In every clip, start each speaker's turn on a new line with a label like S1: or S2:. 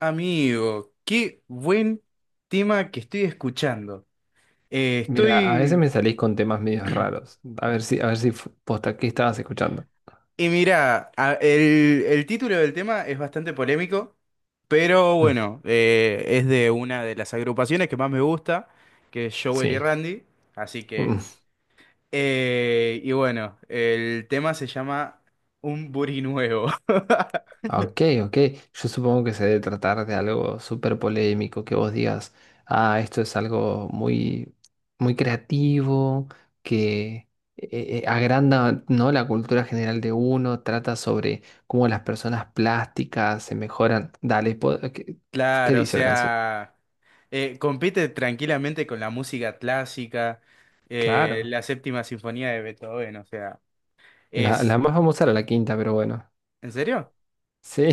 S1: Amigo, qué buen tema que estoy escuchando. Eh,
S2: Mira, a veces
S1: estoy...
S2: me salís con temas medios raros. A ver si posta, ¿qué estabas escuchando?
S1: Y mira, el título del tema es bastante polémico, pero
S2: Mm.
S1: bueno, es de una de las agrupaciones que más me gusta, que es Jowell y
S2: Sí.
S1: Randy. Así
S2: Mm.
S1: que... y bueno, el tema se llama Un Buri Nuevo.
S2: Ah, ok, ok. Yo supongo que se debe tratar de algo súper polémico, que vos digas, ah, esto es algo muy, muy creativo, que agranda, ¿no?, la cultura general de uno, trata sobre cómo las personas plásticas se mejoran. Dale, ¿qué, qué
S1: Claro, o
S2: dice la canción?
S1: sea, compite tranquilamente con la música clásica,
S2: Claro.
S1: la séptima sinfonía de Beethoven, o sea,
S2: La
S1: es...
S2: más famosa era la quinta, pero bueno.
S1: ¿En serio?
S2: Sí.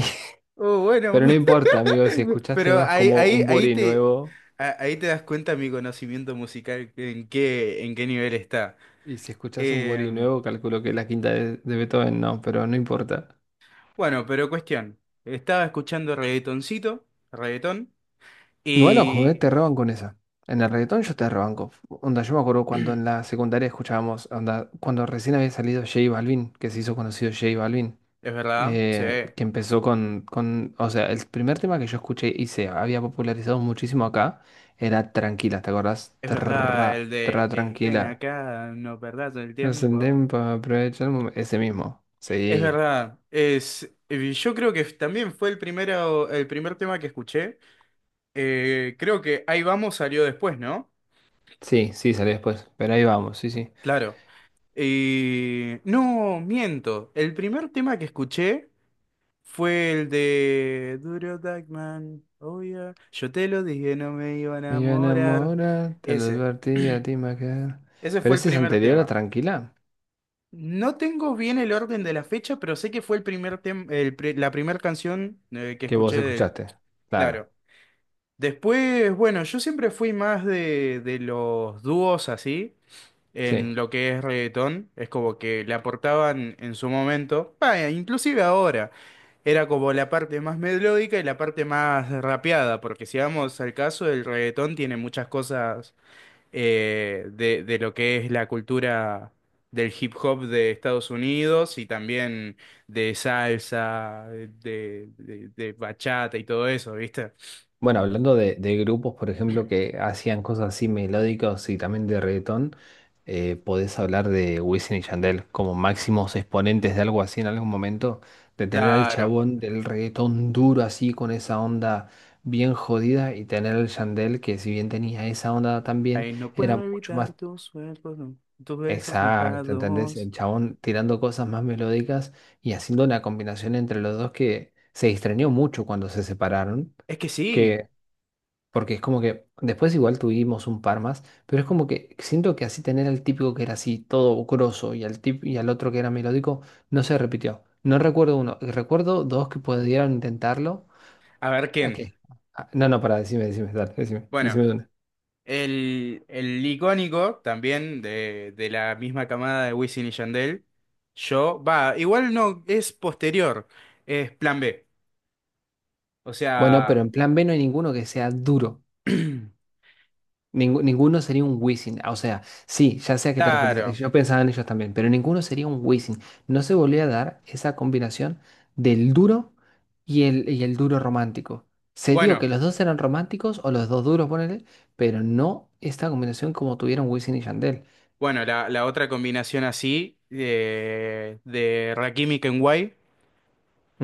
S1: Oh, bueno,
S2: Pero no importa, amigo, si escuchaste
S1: pero
S2: más
S1: ahí,
S2: como
S1: ahí,
S2: un
S1: ahí
S2: Bori
S1: te,
S2: nuevo,
S1: a- ahí te das cuenta mi conocimiento musical, en qué nivel está.
S2: y si escuchas un Bori
S1: Eh,
S2: nuevo, calculo que la quinta de Beethoven no, pero no importa.
S1: bueno, pero cuestión, estaba escuchando reggaetoncito, reggaetón,
S2: Igual, ojo, te
S1: y...
S2: roban con esa. En el reggaetón yo te rebanco. Onda, yo me acuerdo cuando en la secundaria escuchábamos, onda, cuando recién había salido J Balvin, que se hizo conocido J Balvin,
S1: Es verdad, sí.
S2: que empezó con, o sea, el primer tema que yo escuché y se había popularizado muchísimo acá era Tranquila, ¿te acordás?
S1: Es verdad,
S2: Tra,
S1: el
S2: tra,
S1: de "Ey, ven
S2: tranquila.
S1: acá, no perdás el tiempo."
S2: Ascendemos para aprovechar el momento. Ese mismo.
S1: Es
S2: Sí.
S1: verdad, es, yo creo que también fue el primero, el primer tema que escuché. Creo que Ahí vamos salió después, ¿no?
S2: Sí, sí, salió después. Pero ahí vamos, sí, sí.
S1: Claro. Y no, miento. El primer tema que escuché fue el de Duro Dagman. Oh yeah. Yo te lo dije, no me iba a
S2: Me iba a
S1: enamorar.
S2: enamorar, te lo
S1: Ese.
S2: advertí, a ti me va a quedar.
S1: Ese fue
S2: Pero
S1: el
S2: ese es
S1: primer
S2: anterior a
S1: tema.
S2: Tranquila,
S1: No tengo bien el orden de la fecha, pero sé que fue el primer tem- el pri- la primera canción que
S2: que
S1: escuché
S2: vos
S1: de él.
S2: escuchaste. Claro.
S1: Claro. Después, bueno, yo siempre fui más de los dúos así, en
S2: Sí.
S1: lo que es reggaetón. Es como que le aportaban en su momento, vaya, inclusive ahora, era como la parte más melódica y la parte más rapeada, porque si vamos al caso, el reggaetón tiene muchas cosas de lo que es la cultura del hip hop de Estados Unidos y también de salsa, de bachata y todo eso, ¿viste?
S2: Bueno, hablando de grupos, por ejemplo, que hacían cosas así melódicas y también de reggaetón, podés hablar de Wisin y Yandel como máximos exponentes de algo así en algún momento, de tener al
S1: Claro.
S2: chabón del reggaetón duro así con esa onda bien jodida y tener al Yandel que si bien tenía esa onda también,
S1: Ahí no
S2: era
S1: puedo
S2: mucho
S1: evitar
S2: más
S1: tus cuerpos, tus besos
S2: exacto, ¿entendés?
S1: mojados.
S2: El chabón tirando cosas más melódicas y haciendo una combinación entre los dos que se extrañó mucho cuando se separaron.
S1: Es que sí.
S2: Que porque es como que después igual tuvimos un par más, pero es como que siento que así tener al típico que era así todo grosso y al otro que era melódico no se repitió. No recuerdo uno, recuerdo dos que pudieron intentarlo.
S1: A ver,
S2: ¿A
S1: ¿quién?
S2: qué? Ah, no, no, para, decime, decime, dale, decime,
S1: Bueno,
S2: decime dónde.
S1: el icónico también de la misma camada de Wisin y Yandel. Yo, va, igual no, es posterior, es Plan B. O
S2: Bueno, pero
S1: sea,
S2: en plan B no hay ninguno que sea duro. Ninguno sería un Wisin. Ah, o sea, sí, ya sea que te referís.
S1: Claro.
S2: Yo pensaba en ellos también, pero ninguno sería un Wisin. No se volvía a dar esa combinación del duro y el duro romántico. Se dio que
S1: Bueno,
S2: los dos eran románticos o los dos duros, ponele, pero no esta combinación como tuvieron Wisin y Yandel.
S1: bueno, la otra combinación así de Rakim y Kenway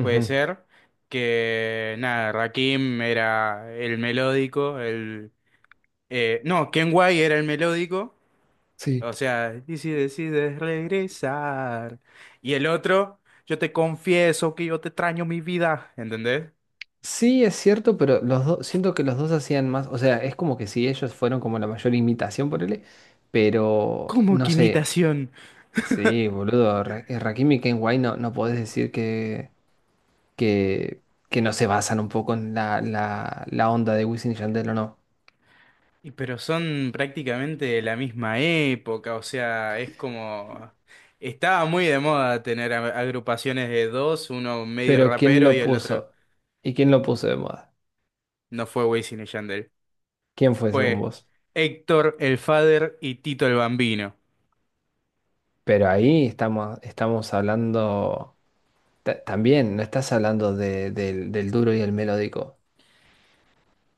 S1: puede ser que, nada, Rakim era el melódico, el... no, Kenway era el melódico,
S2: Sí.
S1: o sea, y si decides regresar. Y el otro, yo te confieso que yo te extraño mi vida, ¿entendés?
S2: Sí, es cierto, pero los dos, siento que los dos hacían más. O sea, es como que si ellos fueron como la mayor imitación, ponele, pero
S1: Como
S2: no
S1: que
S2: sé.
S1: imitación.
S2: Sí, boludo, Rakim y Ken White no, no podés decir que, que no se basan un poco en la, la, la onda de Wisin y Yandel o no.
S1: Y pero son prácticamente de la misma época, o sea, es como... Estaba muy de moda tener agrupaciones de dos, uno medio
S2: Pero ¿quién
S1: rapero y
S2: lo
S1: el otro
S2: puso? ¿Y quién lo puso de moda?
S1: no fue Wisin y Yandel.
S2: ¿Quién fue según
S1: Fue
S2: vos?
S1: Héctor el Father y Tito el Bambino.
S2: Pero ahí estamos, estamos hablando también, no estás hablando del, del duro y el melódico.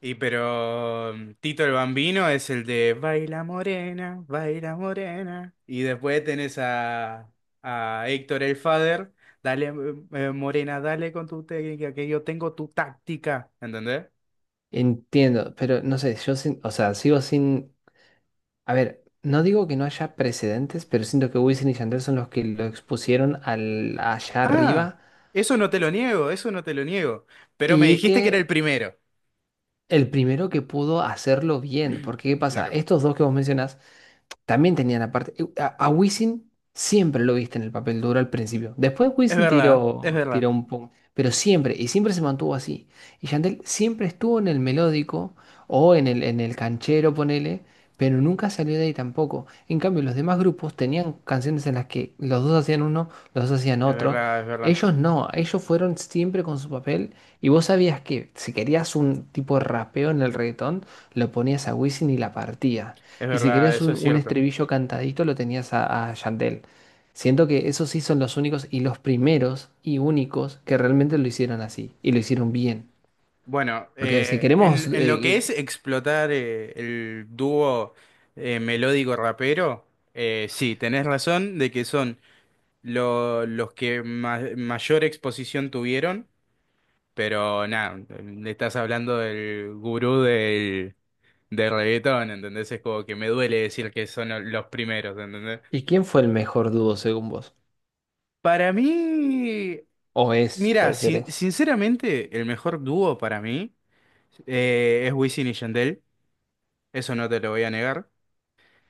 S1: Y pero Tito el Bambino es el de Baila Morena, Baila Morena. Y después tenés a Héctor el Father, dale Morena, dale con tu técnica, que yo tengo tu táctica, ¿entendés?
S2: Entiendo, pero no sé, yo o sea, sigo sin... A ver, no digo que no haya precedentes, pero siento que Wisin y Yandel son los que lo expusieron al, allá
S1: Ah,
S2: arriba
S1: eso no te lo niego, eso no te lo niego. Pero me
S2: y
S1: dijiste que era el
S2: que
S1: primero.
S2: el primero que pudo hacerlo bien, porque ¿qué pasa?
S1: Claro.
S2: Estos dos que vos mencionás también tenían aparte. A Wisin siempre lo viste en el papel duro al principio. Después
S1: Es
S2: Wisin
S1: verdad, es
S2: tiró, tiró
S1: verdad,
S2: un pum. Pero siempre, y siempre se mantuvo así. Y Yandel siempre estuvo en el melódico o en el canchero, ponele, pero nunca salió de ahí tampoco. En cambio, los demás grupos tenían canciones en las que los dos hacían uno, los dos hacían
S1: es
S2: otro.
S1: verdad, es verdad,
S2: Ellos no, ellos fueron siempre con su papel. Y vos sabías que si querías un tipo de rapeo en el reggaetón, lo ponías a Wisin y la partía.
S1: es
S2: Y si
S1: verdad,
S2: querías
S1: eso es
S2: un
S1: cierto.
S2: estribillo cantadito, lo tenías a Yandel. Siento que esos sí son los únicos y los primeros y únicos que realmente lo hicieron así y lo hicieron bien.
S1: Bueno,
S2: Porque si
S1: en,
S2: queremos,
S1: en lo que es explotar el dúo melódico rapero, sí, tenés razón de que son los que mayor exposición tuvieron, pero nada, le estás hablando del gurú de reggaetón, ¿entendés? Es como que me duele decir que son los primeros, ¿entendés?
S2: ¿y quién fue el mejor dúo según vos?
S1: Para mí,
S2: O es,
S1: mira,
S2: puede ser es.
S1: sinceramente, el mejor dúo para mí es Wisin y Yandel, eso no te lo voy a negar,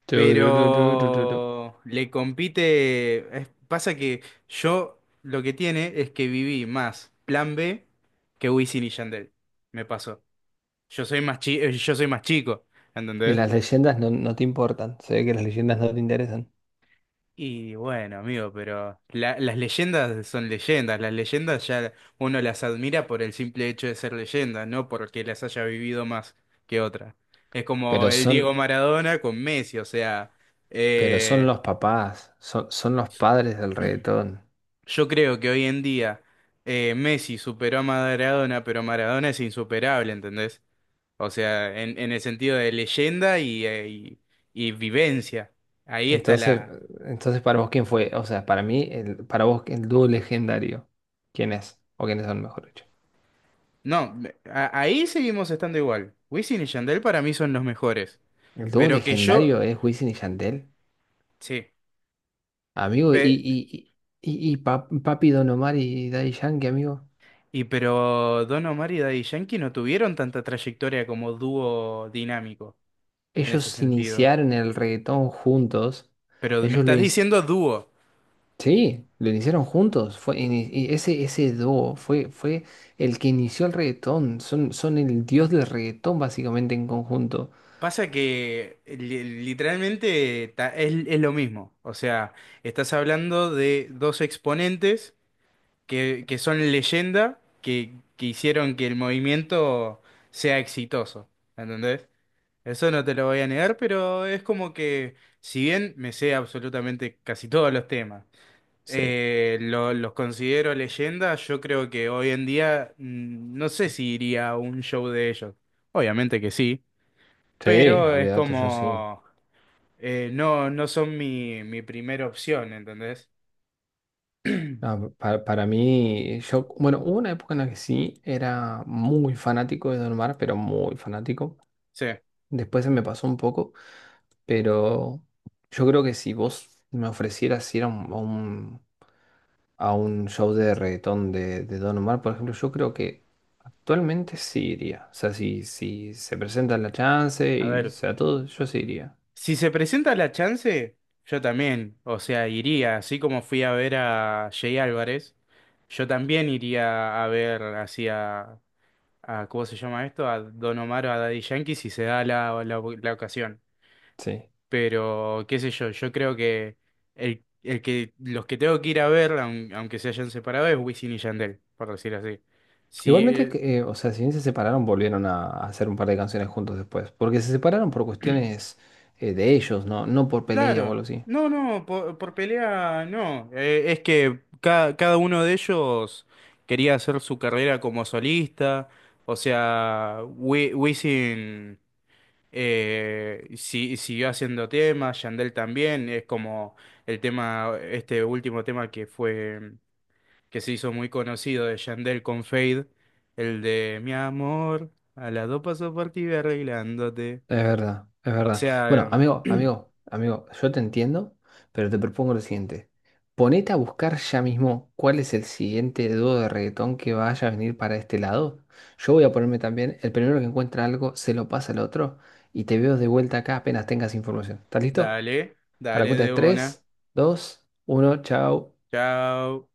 S2: Turururururu.
S1: pero le compite, pasa que yo lo que tiene es que viví más Plan B que Wisin y Yandel, me pasó. Yo soy más chico,
S2: Y
S1: ¿entendés?
S2: las leyendas no, no te importan, se ve que las leyendas no te interesan.
S1: Y bueno, amigo, pero las leyendas son leyendas. Las leyendas ya uno las admira por el simple hecho de ser leyenda, no porque las haya vivido más que otra. Es como
S2: Pero
S1: el Diego
S2: son,
S1: Maradona con Messi, o sea,
S2: pero son
S1: eh,
S2: los papás, son, son los padres del reggaetón.
S1: yo creo que hoy en día Messi superó a Maradona, pero Maradona es insuperable, ¿entendés? O sea, en el sentido de leyenda y vivencia. Ahí está.
S2: Entonces, entonces para vos, ¿quién fue? O sea, para mí, el, para vos, el dúo legendario, ¿quién es? ¿O quiénes son, mejor dicho?
S1: No, ahí seguimos estando igual. Wisin y Yandel para mí son los mejores.
S2: El dúo
S1: Pero que yo.
S2: legendario es Wisin y Yandel,
S1: Sí.
S2: amigo,
S1: pe-
S2: y Papi Don Omar y Daddy Yankee, amigo.
S1: y pero Don Omar y Daddy Yankee no tuvieron tanta trayectoria como dúo dinámico en ese
S2: Ellos
S1: sentido.
S2: iniciaron el reggaetón juntos.
S1: Pero me
S2: Ellos lo
S1: estás
S2: inci-
S1: diciendo dúo.
S2: Sí, lo iniciaron juntos. Fue, y ese dúo fue, fue el que inició el reggaetón. Son, son el dios del reggaetón, básicamente, en conjunto.
S1: Pasa que literalmente es lo mismo. O sea, estás hablando de dos exponentes que son leyenda que hicieron que el movimiento sea exitoso. ¿Entendés? Eso no te lo voy a negar, pero es como que, si bien me sé absolutamente casi todos los temas,
S2: Sí.
S1: los considero leyendas, yo creo que hoy en día no sé si iría a un show de ellos. Obviamente que sí,
S2: Sí,
S1: pero es
S2: olvídate, yo sí.
S1: como, no, no son mi primera opción, ¿entendés?
S2: No, para mí, yo, bueno, hubo una época en la que sí era muy fanático de Don Omar, pero muy fanático.
S1: Sí,
S2: Después se me pasó un poco, pero yo creo que si vos me ofrecieras ir a un, a un, a un show de reggaetón de Don Omar, por ejemplo, yo creo que actualmente sí iría. O sea, si, si se presenta la chance
S1: a
S2: y o
S1: ver.
S2: sea todo, yo sí iría.
S1: Si se presenta la chance, yo también, o sea, iría, así como fui a ver a Jay Álvarez, yo también iría a ver así ¿cómo se llama esto? A Don Omar o a Daddy Yankee si se da la ocasión.
S2: Sí.
S1: Pero, qué sé yo, yo creo que el que los que tengo que ir a ver, aunque se hayan separado, es Wisin y Yandel, por decir así. Si,
S2: Igualmente,
S1: eh,
S2: que, o sea, si bien se separaron, volvieron a hacer un par de canciones juntos después. Porque se separaron por cuestiones de ellos, ¿no?, no por pelea o
S1: Claro,
S2: algo así.
S1: no, no, por pelea no. Es que cada uno de ellos quería hacer su carrera como solista. O sea, Wisin siguió haciendo temas, Yandel también. Es como este último tema que se hizo muy conocido de Yandel con Fade, el de Mi amor, a las dos pasos por ti voy arreglándote.
S2: Es verdad, es
S1: O
S2: verdad. Bueno,
S1: sea,
S2: amigo, amigo, amigo, yo te entiendo, pero te propongo lo siguiente. Ponete a buscar ya mismo cuál es el siguiente dúo de reggaetón que vaya a venir para este lado. Yo voy a ponerme también, el primero que encuentra algo, se lo pasa al otro y te veo de vuelta acá apenas tengas información. ¿Estás listo?
S1: dale,
S2: A la
S1: dale
S2: cuenta de
S1: de una.
S2: tres, dos, uno. Chao.
S1: Chao.